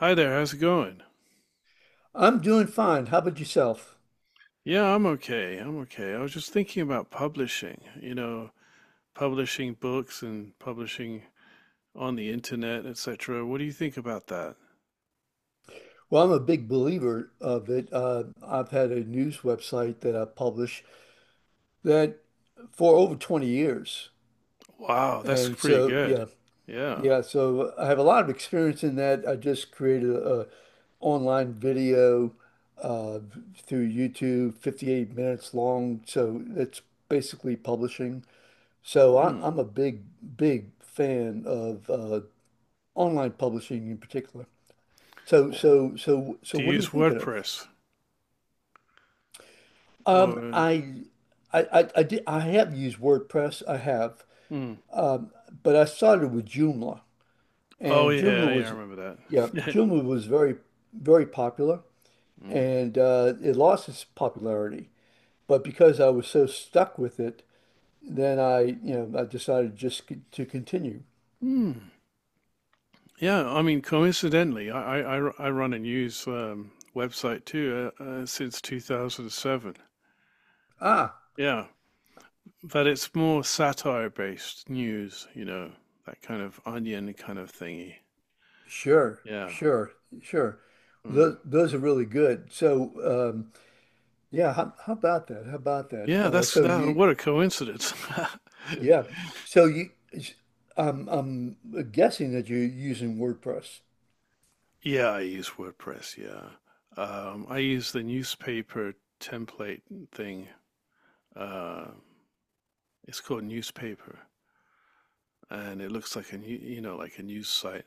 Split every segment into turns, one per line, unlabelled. Hi there, how's it going?
I'm doing fine. How about yourself?
Yeah, I'm okay. I'm okay. I was just thinking about publishing books and publishing on the internet, etc. What do you think about that?
Well, I'm a big believer of it. I've had a news website that I publish that for over 20 years.
Wow, that's
And
pretty
so,
good.
yeah,
Yeah.
yeah, so I have a lot of experience in that. I just created a online video uh, through YouTube, 58 minutes long. So that's basically publishing. So I,
Hmm.
I'm a big fan of online publishing in particular. So
Well,
so so so
do you
what are you
use
thinking of?
WordPress
Um,
or
I I have used WordPress,
mm.
but I started with Joomla.
Oh
And
yeah,
Joomla
yeah,
was
I remember
yeah,
that.
Joomla was very popular
Mm.
and it lost its popularity. But because I was so stuck with it, then I decided just to continue.
Hmm. Yeah, I mean, coincidentally, I run a news website too since 2007.
Ah,
Yeah. But it's more satire based news, that kind of onion kind of thingy.
sure,
Yeah.
sure, sure.
Mm.
Those are really good. How, how about that?
Yeah, that's
So
that.
you
What a coincidence.
Yeah. So you, I'm guessing that you're using WordPress.
Yeah, I use WordPress. Yeah. I use the newspaper template thing. Uh, it's called newspaper and it looks like a new, like a news site.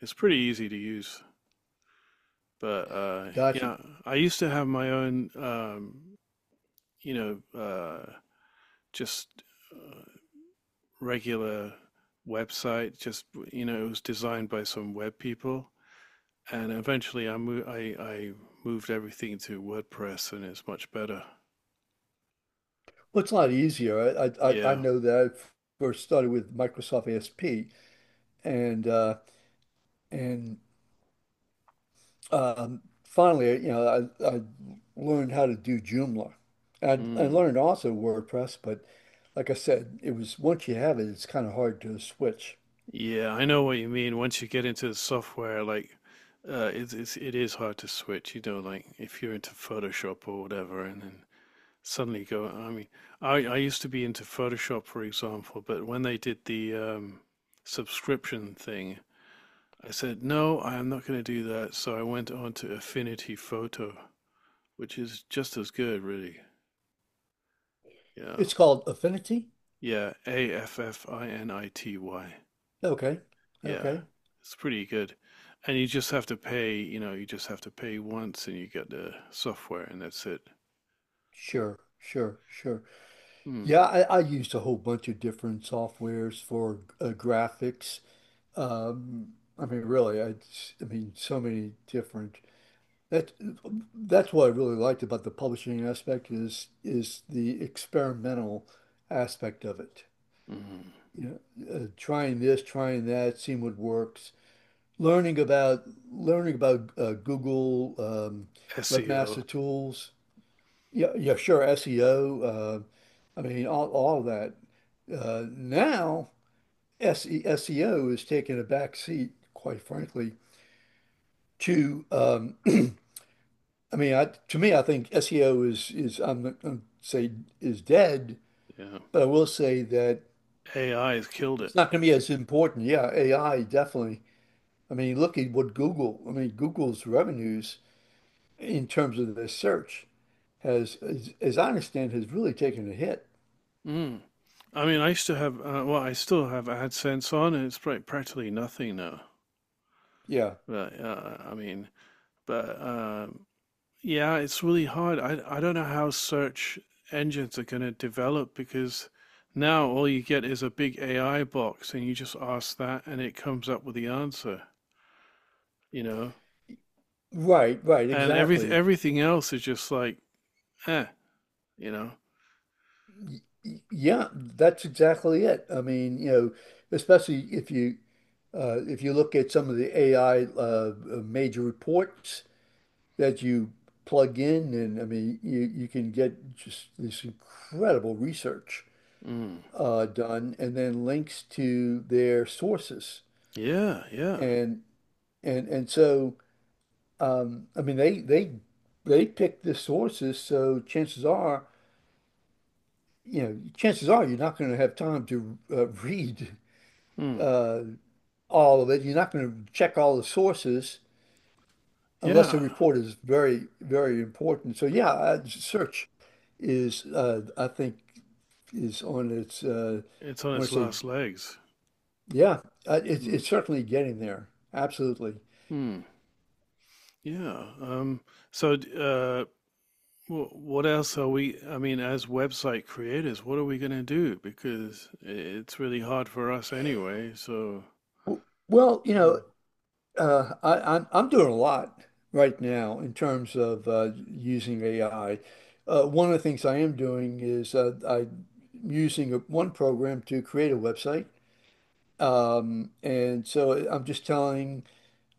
It's pretty easy to use. But
Gotcha.
yeah, I used to have my own, you know, just uh, regular website. It was designed by some web people, and eventually I moved. I moved everything to WordPress, and it's much better.
Well, it's a lot easier. I
Yeah.
know that I first started with Microsoft ASP, and uh, and finally, I learned how to do Joomla. I
Mm.
learned also WordPress, but like I said, it was once you have it, it's kind of hard to switch.
Yeah, I know what you mean. Once you get into the software, like it's it is hard to switch. You know, like if you're into Photoshop or whatever, and then suddenly go. I mean, I used to be into Photoshop, for example, but when they did the subscription thing, I said, no, I'm not going to do that. So I went on to Affinity Photo, which is just as good, really. Yeah.
It's called Affinity.
Yeah. Affinity.
Okay.
Yeah.
Okay.
It's pretty good. And you just have to you just have to pay once and you get the software and that's it.
Sure. Sure. Sure.
Mm.
Yeah, I used a whole bunch of different softwares for graphics. Um, I mean, really, I mean, so many different. That that's what I really liked about the publishing aspect is the experimental aspect of it.
Mm.
You know, trying this, trying that, seeing what works. Learning about learning about Google
SEO.
Webmaster Tools yeah, yeah, sure. SEO. I mean, all of that. Now, SEO is taking a back seat, quite frankly, to, I mean, to me, I think SEO is I'm not going to say is dead,
Yeah.
but I will say that
AI has killed it.
it's not going to be as important. Yeah, AI, definitely. I mean, look at what Google's revenues in terms of their search as I understand, has really taken a hit.
Mm. I mean, I used to have, well, I still have AdSense on and it's like, practically nothing now.
Yeah.
But, I mean, but yeah, it's really hard. I don't know how search engines are going to develop because now all you get is a big AI box and you just ask that and it comes up with the answer, you know.
Right, right,
And every
exactly.
everything else is just like, eh, you know.
Yeah, that's exactly it. I mean, you know, especially if you look at some of the AI major reports that you plug in, and I mean, you can get just this incredible research
Mm,
done, and then links to their sources,
yeah, yeah.
and and so I mean, they pick the sources, so chances are you know, chances are you're not going to have time to read
Mm,
uh, all of it. You're not going to check all the sources unless the
yeah.
report is very, very important. So yeah, search is I think is on its.
It's on
I want
its
to say
last legs.
yeah, uh, it's
Mm,
it's certainly getting there. Absolutely.
mm, yeah. So d- uh, Well, what else are we, I mean, as website creators, what are we going to do? Because it's really hard for us anyway. So,
W- Well, you
yeah.
know, I'm doing a lot right now in terms of using AI. One of the things I am doing is I'm using one program to create a website. And so I'm just telling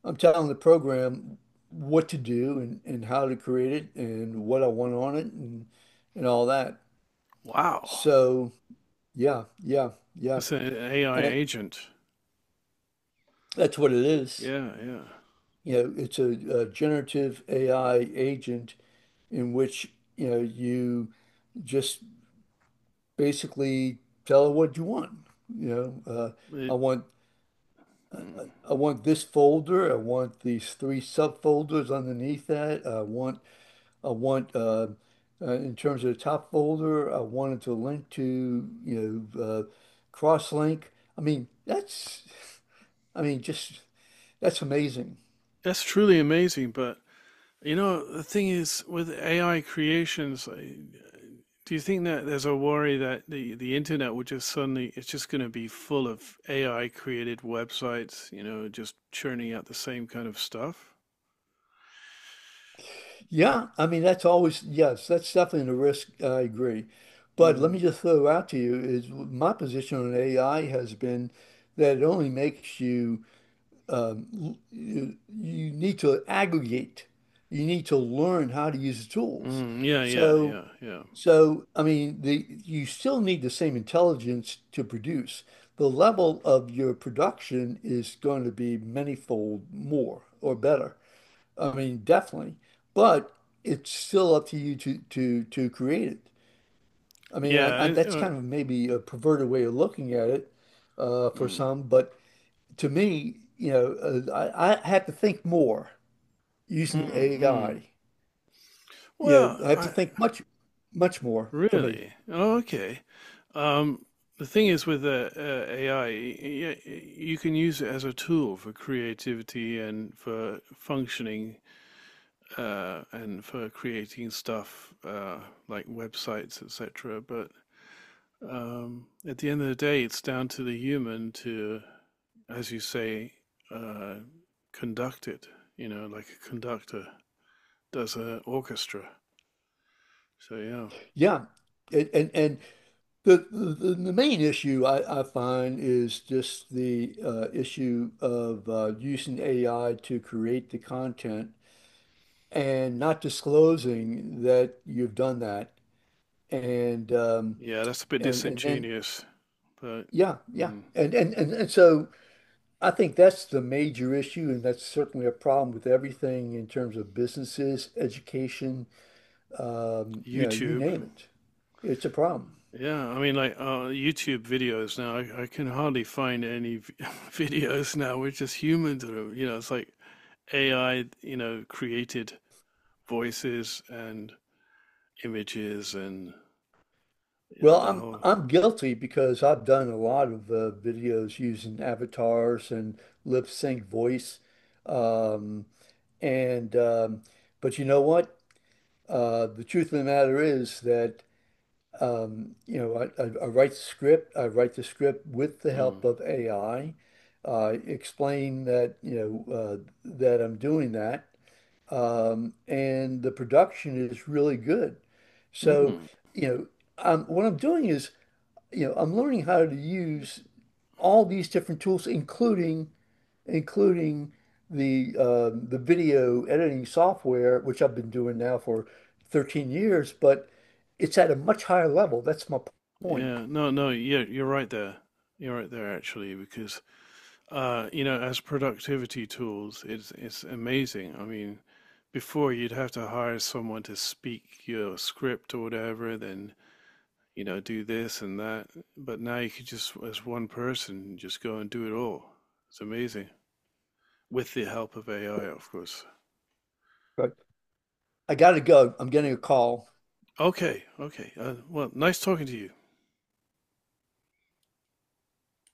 I'm telling the program what to do and how to create it and what I want on it and all that.
Wow.
So yeah, yeah, yeah.
It's an AI
And
agent.
that's what it is.
Yeah, yeah.
You know, it's a generative AI agent in which, you know, you just basically tell it what you want. You know,
It,
I want
mm.
I want this folder. I want these three subfolders underneath that. I want in terms of the top folder, I wanted to link to, you know, cross-link. I mean, just that's amazing.
That's truly amazing. But, you know, the thing is with AI creations, do you think that there's a worry that the internet will just suddenly, it's just going to be full of AI created websites, you know, just churning out the same kind of stuff?
Yeah, I mean, that's always, yes, that's definitely a risk. I agree. But let
Mm.
me just throw out to you is my position on AI has been that it only makes you, you, you need to aggregate. You need to learn how to use the tools.
Mm, yeah, yeah,
So,
yeah, yeah,
So, I mean, the you still need the same intelligence to produce. The level of your production is going to be manyfold more or better. I mean, definitely. But it's still up to you to create it. I mean,
yeah.
that's kind of maybe a perverted way of looking at it for
Mm,
some, but to me, you know, I have to think more
mm,
using
mm.
AI. You
Well,
know, I have to
I,
think much, much more for me.
really? Oh, okay. Um, the thing is with AI, you can use it as a tool for creativity and for functioning and for creating stuff like websites, etc. But at the end of the day, it's down to the human to, as you say, uh, conduct it, you know, like a conductor does an orchestra. So, yeah.
Yeah. And and and the main issue I find is just the issue of using AI to create the content and not disclosing that you've done that. And um,
Yeah, that's a bit
and then
disingenuous, but
yeah, yeah.
mm,
And so I think that's the major issue, and that's certainly a problem with everything in terms of businesses, education, you know, you
YouTube.
name it. It's a problem.
Yeah, I mean, like YouTube videos now, I can hardly find any videos now. We're just humans, you know, it's like AI, you know, created voices and images and, you know,
Well,
the
I'm
whole.
I'm guilty because I've done a lot of videos using avatars and lip sync voice, um, and but you know what? The truth of the matter is that you know I write the script. I write the script with the help
Mm.
of AI. Explain that you know that I'm doing that, and the production is really good. So
Mm.
you know, what I'm doing is you know, I'm learning how to use all these different tools, including the video editing software, which I've been doing now for 13 years, but it's at a much higher level. That's my point.
Yeah. No, no, yeah, you're right there. You're right there actually, because you know, as productivity tools, it's amazing. I mean, before you'd have to hire someone to speak your script or whatever, then you know, do this and that. But now you could just, as one person, just go and do it all. It's amazing. With the help of AI, of course.
Right. I gotta go. I'm getting a call.
Okay, okay. Well, nice talking to you.